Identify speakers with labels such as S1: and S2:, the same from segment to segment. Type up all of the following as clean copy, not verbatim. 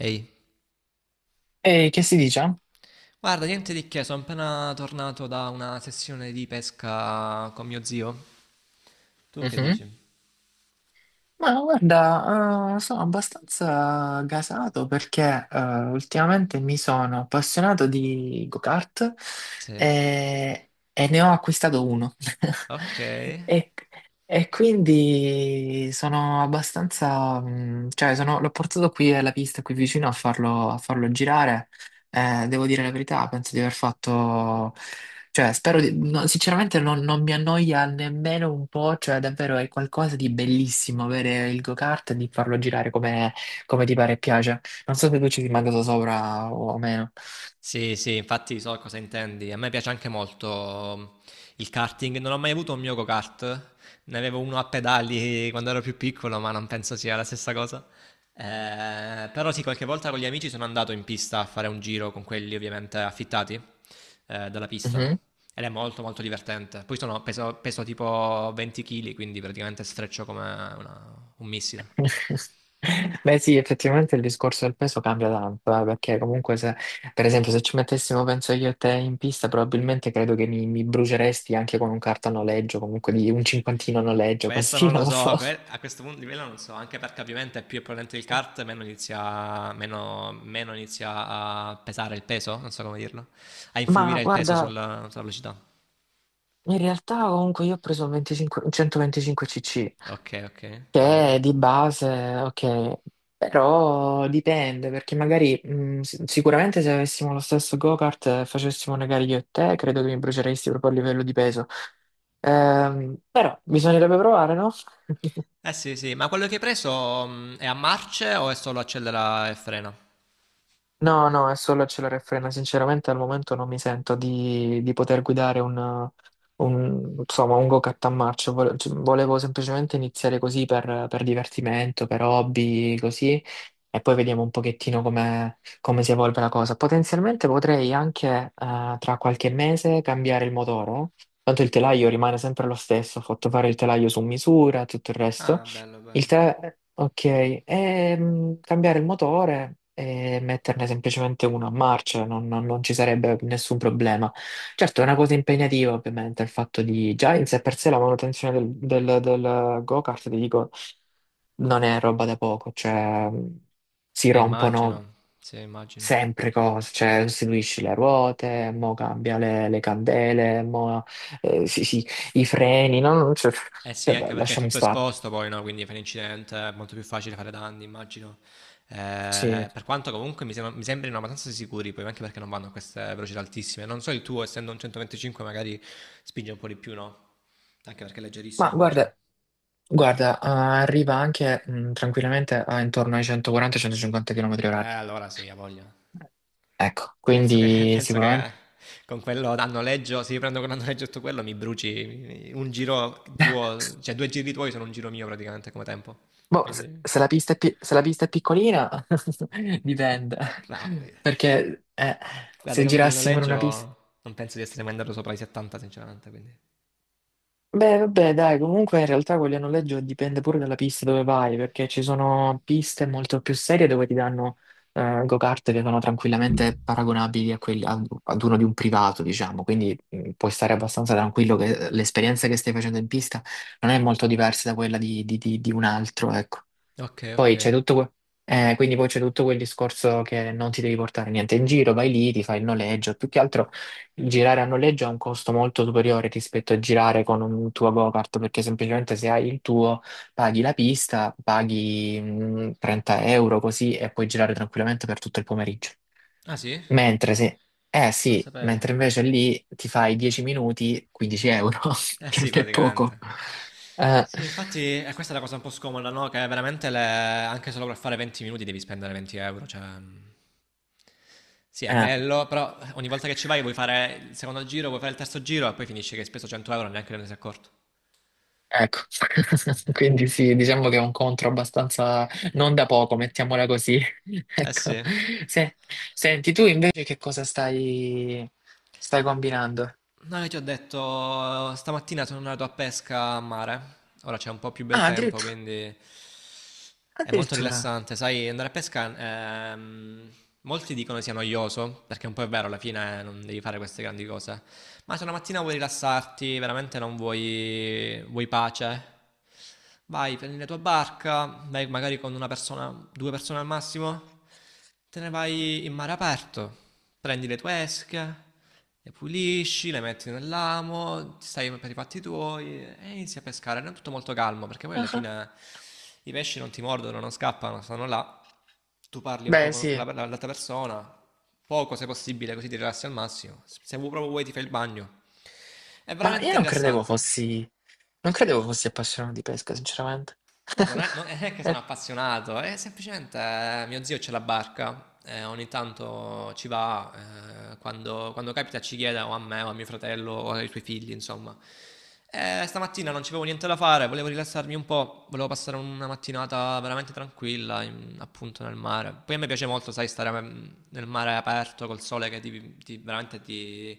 S1: Ehi,
S2: E che si dice?
S1: guarda, niente di che, sono appena tornato da una sessione di pesca con mio zio. Tu che
S2: Mhm.
S1: dici?
S2: Ma guarda, sono abbastanza gasato perché ultimamente mi sono appassionato di go-kart
S1: Sì.
S2: e ne ho acquistato uno.
S1: Ok.
S2: E, e quindi sono abbastanza, cioè l'ho portato qui alla pista, qui vicino a farlo girare. Devo dire la verità, penso di aver fatto. Cioè, no, sinceramente non mi annoia nemmeno un po', cioè davvero è qualcosa di bellissimo avere il go-kart e di farlo girare come, ti pare e piace. Non so se tu ci sei mai andato sopra o meno.
S1: Sì, sì, infatti so cosa intendi. A me piace anche molto mm, il karting. Non ho mai avuto un mio go-kart. Ne avevo uno a pedali quando ero più piccolo, ma non penso sia la stessa cosa. Però sì, qualche volta con gli amici sono andato in pista a fare un giro con quelli ovviamente affittati dalla pista.
S2: Mhm.
S1: Ed è molto molto divertente. Poi sono, peso, peso tipo 20 kg, quindi praticamente sfreccio come una- un missile.
S2: Beh sì, effettivamente il discorso del peso cambia tanto, perché comunque se, per esempio, se ci mettessimo, penso io e te in pista, probabilmente credo che mi bruceresti anche con un carta a noleggio, comunque di un cinquantino a noleggio,
S1: Questo
S2: così,
S1: non lo
S2: non lo
S1: so,
S2: so.
S1: que- a questo punto livello non so, anche perché ovviamente più è potente il kart, meno inizia, meno, meno inizia a pesare il peso, non so come dirlo, a
S2: Ma
S1: influire il peso
S2: guarda,
S1: sulla, sulla velocità.
S2: in realtà comunque io ho preso il 25 il 125 cc,
S1: Ok, ok, non
S2: che
S1: male.
S2: è di base, ok, però dipende, perché magari sicuramente se avessimo lo stesso go-kart e facessimo una gara io e te, credo che mi bruceresti proprio a livello di peso. Però bisognerebbe provare, no?
S1: Eh sì, sì, ma quello che hai preso è a marce o è solo accelera e frena?
S2: No, no, è solo accelera e frena. Sinceramente al momento non mi sento di poter guidare insomma, un go-kart a marcia. Cioè, volevo semplicemente iniziare così per divertimento, per hobby, così, e poi vediamo un pochettino come, si evolve la cosa. Potenzialmente potrei anche tra qualche mese cambiare il motore, tanto il telaio rimane sempre lo stesso, ho fatto fare il telaio su misura, tutto il resto.
S1: Ah, bello,
S2: Il
S1: bello.
S2: 3, ok, cambiare il motore e metterne semplicemente uno a marcia, non ci sarebbe nessun problema. Certo, è una cosa impegnativa, ovviamente, il fatto di già in sé per sé la manutenzione del go-kart, ti dico, non è roba da poco, cioè si rompono
S1: Immagino, sì, immagino.
S2: sempre cose, cioè sostituisci le ruote, mo cambia le candele, mo sì, sì, i freni, no? Cioè,
S1: Eh sì, anche perché è
S2: lasciamo
S1: tutto
S2: stare.
S1: esposto poi, no? Quindi fai un incidente, è molto più facile fare danni, immagino.
S2: Sì.
S1: Per quanto comunque mi, sembra- mi sembrino abbastanza sicuri, poi anche perché non vanno a queste velocità altissime. Non so il tuo, essendo un 125, magari spinge un po' di più, no? Anche perché è leggerissimo,
S2: Ma
S1: immagino.
S2: guarda, Guarda, ah, arriva anche tranquillamente a intorno ai 140-150 km orari.
S1: Allora sì, ha voglia.
S2: Ecco,
S1: Penso che,
S2: quindi
S1: penso che
S2: sicuramente.
S1: con quello a noleggio, se io prendo con a noleggio tutto quello, mi bruci mi- un giro tuo, cioè due giri tuoi sono un giro mio praticamente come tempo.
S2: Boh, se,
S1: Quindi...
S2: se la pista è pi- se la pista è piccolina, dipende.
S1: No, eh.
S2: Perché
S1: Guarda,
S2: se
S1: con quel
S2: girassimo in
S1: noleggio
S2: una pista.
S1: non penso di essere mai andato sopra i 70, sinceramente, quindi.
S2: Beh, vabbè, dai, comunque in realtà quelli a noleggio dipende pure dalla pista dove vai, perché ci sono piste molto più serie dove ti danno go-kart che sono tranquillamente paragonabili a ad uno di un privato, diciamo, quindi puoi stare abbastanza tranquillo che l'esperienza che stai facendo in pista non è molto diversa da quella di un altro, ecco.
S1: Ok, ok.
S2: Poi c'è tutto, que- quindi poi c'è tutto quel discorso che non ti devi portare niente in giro, vai lì, ti fai il noleggio. Più che altro girare a noleggio ha un costo molto superiore rispetto a girare con un tuo go-kart, perché semplicemente se hai il tuo paghi la pista, paghi 30 euro così e puoi girare tranquillamente per tutto il pomeriggio.
S1: Ah sì?
S2: Mentre se, eh
S1: Non
S2: sì,
S1: sapevo.
S2: mentre invece lì ti fai 10 minuti, 15 euro,
S1: Eh
S2: che non
S1: sì,
S2: è poco.
S1: praticamente.
S2: Eh,
S1: Sì, infatti, questa è la cosa un po' scomoda, no? Che veramente le- anche solo per fare 20 minuti devi spendere 20 euro, cioè.... Sì, è
S2: eh.
S1: bello, però ogni volta che ci vai vuoi fare il secondo giro, vuoi fare il terzo giro e poi finisce che hai speso 100 euro e neanche te ne sei accorto.
S2: Ecco, quindi sì, diciamo che è un contro abbastanza non da poco, mettiamola così.
S1: Eh
S2: Ecco.
S1: sì.
S2: Se- Senti, tu invece che cosa stai combinando?
S1: No, io ti ho detto, stamattina sono andato a pesca a mare. Ora c'è un po' più bel
S2: Ah,
S1: tempo,
S2: addirittura.
S1: quindi è molto
S2: Addirittura.
S1: rilassante. Sai, andare a pesca, ehm, molti dicono sia noioso, perché un po' è vero, alla fine non devi fare queste grandi cose. Ma se una mattina vuoi rilassarti, veramente non vuoi, vuoi pace, vai, prendi la tua barca, vai magari con una persona, due persone al massimo, te ne vai in mare aperto, prendi le tue esche, le pulisci, le metti nell'amo, ti stai per i fatti tuoi e inizi a pescare. Non è tutto molto calmo perché poi
S2: Ah,
S1: alla
S2: ah.
S1: fine i pesci non ti mordono, non scappano, stanno là. Tu parli un po'
S2: Beh,
S1: con
S2: sì,
S1: quella, l'altra persona, poco se possibile, così ti rilassi al massimo. Se vuoi- proprio vuoi ti fai il bagno. È
S2: ma io
S1: veramente
S2: non credevo
S1: rilassante.
S2: fossi, non credevo fossi appassionato di pesca, sinceramente.
S1: Guarda, non è, non è che sono
S2: Eh,
S1: appassionato, è semplicemente mio zio c'è la barca, ogni tanto ci va, quando, quando capita ci chiede o a me o a mio fratello o ai suoi figli, insomma. Stamattina non c'avevo niente da fare, volevo rilassarmi un po', volevo passare una mattinata veramente tranquilla, in- appunto nel mare. Poi a me piace molto, sai, stare mm, nel mare aperto col sole che ti- veramente ti,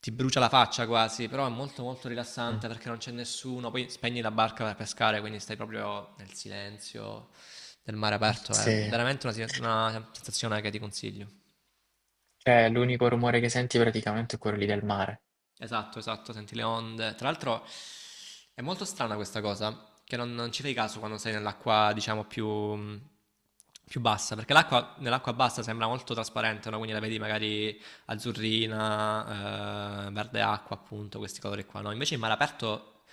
S1: ti brucia la faccia quasi, però è molto molto
S2: mm,
S1: rilassante perché non c'è nessuno, poi spegni la barca per pescare, quindi stai proprio nel silenzio del mare aperto, è
S2: Sì,
S1: veramente una sensazione che ti consiglio.
S2: cioè l'unico rumore che senti praticamente è quello lì del mare.
S1: Esatto, esatto, senti le onde. Tra l'altro è molto strana questa cosa, che non, non ci fai caso quando sei nell'acqua, diciamo, più, più bassa, perché l'acqua, nell'acqua bassa sembra molto trasparente, no? Quindi la vedi magari azzurrina, verde acqua, appunto, questi colori qua, no? Invece in mare aperto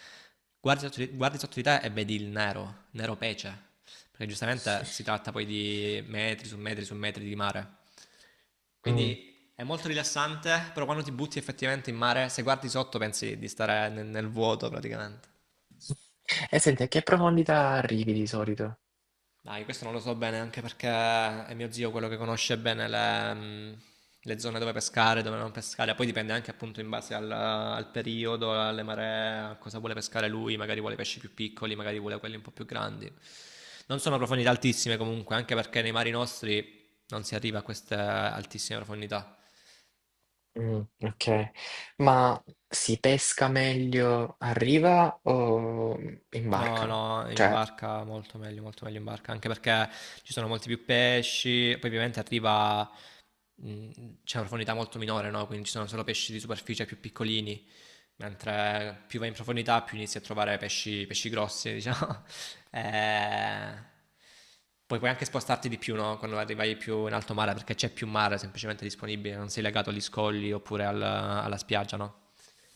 S1: guardi sotto di te e vedi il nero, nero pece, perché giustamente si tratta poi di metri su metri su metri di mare.
S2: Mm.
S1: Quindi è molto rilassante, però quando ti butti effettivamente in mare, se guardi sotto pensi di stare nel, nel vuoto praticamente.
S2: E senti, a che profondità arrivi di solito?
S1: Dai, questo non lo so bene anche perché è mio zio quello che conosce bene le zone dove pescare, dove non pescare. Poi dipende anche appunto in base al, al periodo, alle maree, a cosa vuole pescare lui. Magari vuole pesci più piccoli, magari vuole quelli un po' più grandi. Non sono profondità altissime comunque, anche perché nei mari nostri non si arriva a queste altissime profondità.
S2: Ok, ma si pesca meglio a riva o in
S1: No,
S2: barca?
S1: no, in
S2: Cioè,
S1: barca molto meglio in barca, anche perché ci sono molti più pesci, poi ovviamente arriva, mh, c'è una profondità molto minore, no? Quindi ci sono solo pesci di superficie più piccolini, mentre più vai in profondità più inizi a trovare pesci, pesci grossi, diciamo. Eh, poi puoi anche spostarti di più, no? Quando arrivai più in alto mare, perché c'è più mare semplicemente disponibile, non sei legato agli scogli oppure al- alla spiaggia, no?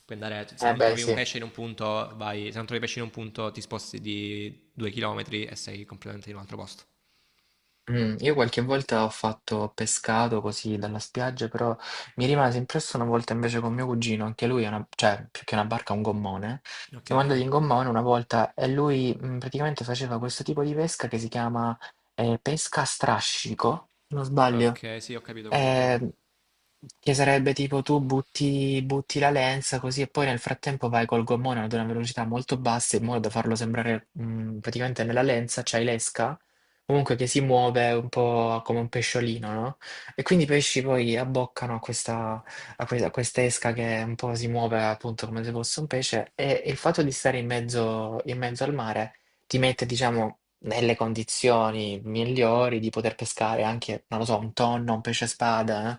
S1: Puoi andare, se
S2: eh
S1: non
S2: beh,
S1: trovi un
S2: sì.
S1: pesce in un punto, vai, se non trovi pesce in un punto, ti sposti di 2 chilometri e sei completamente in un altro posto.
S2: Io qualche volta ho fatto pescato così dalla spiaggia, però mi rimase impressa una volta invece con mio cugino, anche lui è una cioè più che una barca, un gommone.
S1: Ok,
S2: Siamo andati
S1: ok.
S2: in gommone una volta e lui, praticamente faceva questo tipo di pesca che si chiama, pesca a strascico, se non sbaglio.
S1: Ok, sì, ho capito quale intendi.
S2: Ehm, che sarebbe tipo tu butti la lenza così e poi nel frattempo vai col gommone ad una velocità molto bassa in modo da farlo sembrare, praticamente nella lenza c'hai l'esca comunque che si muove un po' come un pesciolino, no? E quindi i pesci poi abboccano a questa esca che un po' si muove appunto come se fosse un pesce e il fatto di stare in mezzo al mare ti mette, diciamo, nelle condizioni migliori di poter pescare anche, non lo so, un tonno, un pesce spada.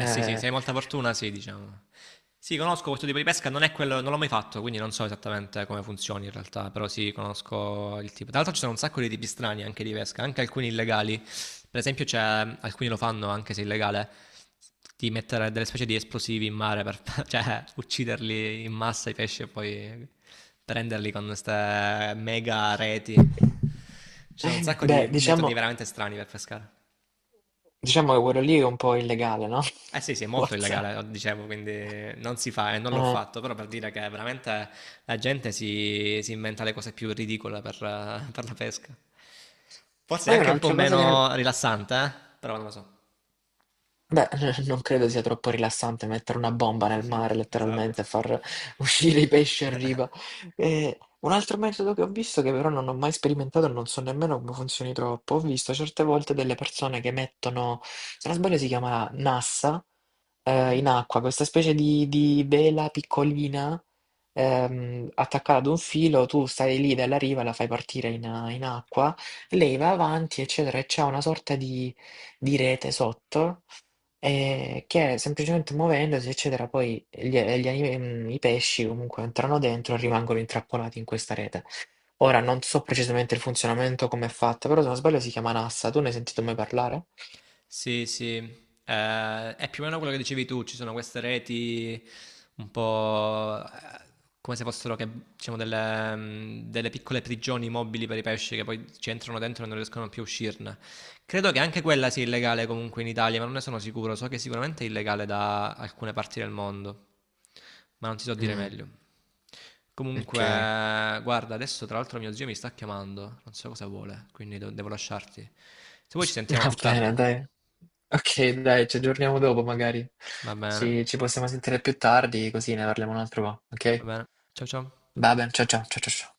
S1: Eh sì, sì, se hai molta fortuna, sì, diciamo. Sì, conosco questo tipo di pesca, non è quello, non l'ho mai fatto, quindi non so esattamente come funzioni in realtà, però sì, conosco il tipo. Tra l'altro ci sono un sacco di tipi strani anche di pesca, anche alcuni illegali. Per esempio c'è, alcuni lo fanno anche se illegale, di mettere delle specie di esplosivi in mare per, cioè, ucciderli in massa i pesci e poi prenderli con queste mega reti. Ci sono un sacco di
S2: Beh,
S1: metodi
S2: diciamo,
S1: veramente strani per pescare.
S2: diciamo che quello lì è un po' illegale, no?
S1: Eh sì, sì, è molto
S2: Forse.
S1: illegale, dicevo, quindi non si fa e non l'ho
S2: Eh,
S1: fatto, però per dire che veramente la gente si, si inventa le cose più ridicole per la pesca. Forse è
S2: Poi
S1: anche un po'
S2: un'altra cosa che non.
S1: meno rilassante, eh? Però non lo so.
S2: Beh, non credo sia troppo rilassante mettere una bomba nel mare,
S1: Esatto.
S2: letteralmente, e far uscire i pesci a riva. E un altro metodo che ho visto, che però non ho mai sperimentato e non so nemmeno come funzioni troppo, ho visto certe volte delle persone che mettono, se non sbaglio si chiama NASA, in acqua, questa specie di vela piccolina, attaccata ad un filo, tu stai lì dalla riva, la fai partire in, acqua, lei va avanti, eccetera, e c'è una sorta di rete sotto che semplicemente muovendosi, eccetera, poi i pesci comunque entrano dentro e rimangono intrappolati in questa rete. Ora non so precisamente il funzionamento, come è fatta, però se non sbaglio si chiama Nassa, tu ne hai sentito mai parlare?
S1: Sì, sì, eh, è più o meno quello che dicevi tu, ci sono queste reti un po' come se fossero che, diciamo, delle, mm, delle piccole prigioni mobili per i pesci che poi ci entrano dentro e non riescono più a uscirne. Credo che anche quella sia illegale comunque in Italia, ma non ne sono sicuro, so che sicuramente è illegale da alcune parti del mondo, ma non ti so dire
S2: Mm,
S1: meglio.
S2: ok,
S1: Comunque, guarda, adesso tra l'altro mio zio mi sta chiamando, non so cosa vuole, quindi do- devo lasciarti. Se vuoi ci sentiamo
S2: va
S1: più tardi.
S2: bene, dai. Ok, dai, ci aggiorniamo dopo magari.
S1: Va bene,
S2: Ci possiamo sentire più tardi, così ne parliamo un altro po',
S1: va
S2: ok?
S1: bene. Ciao ciao.
S2: Va bene, ciao ciao ciao ciao. Ciao.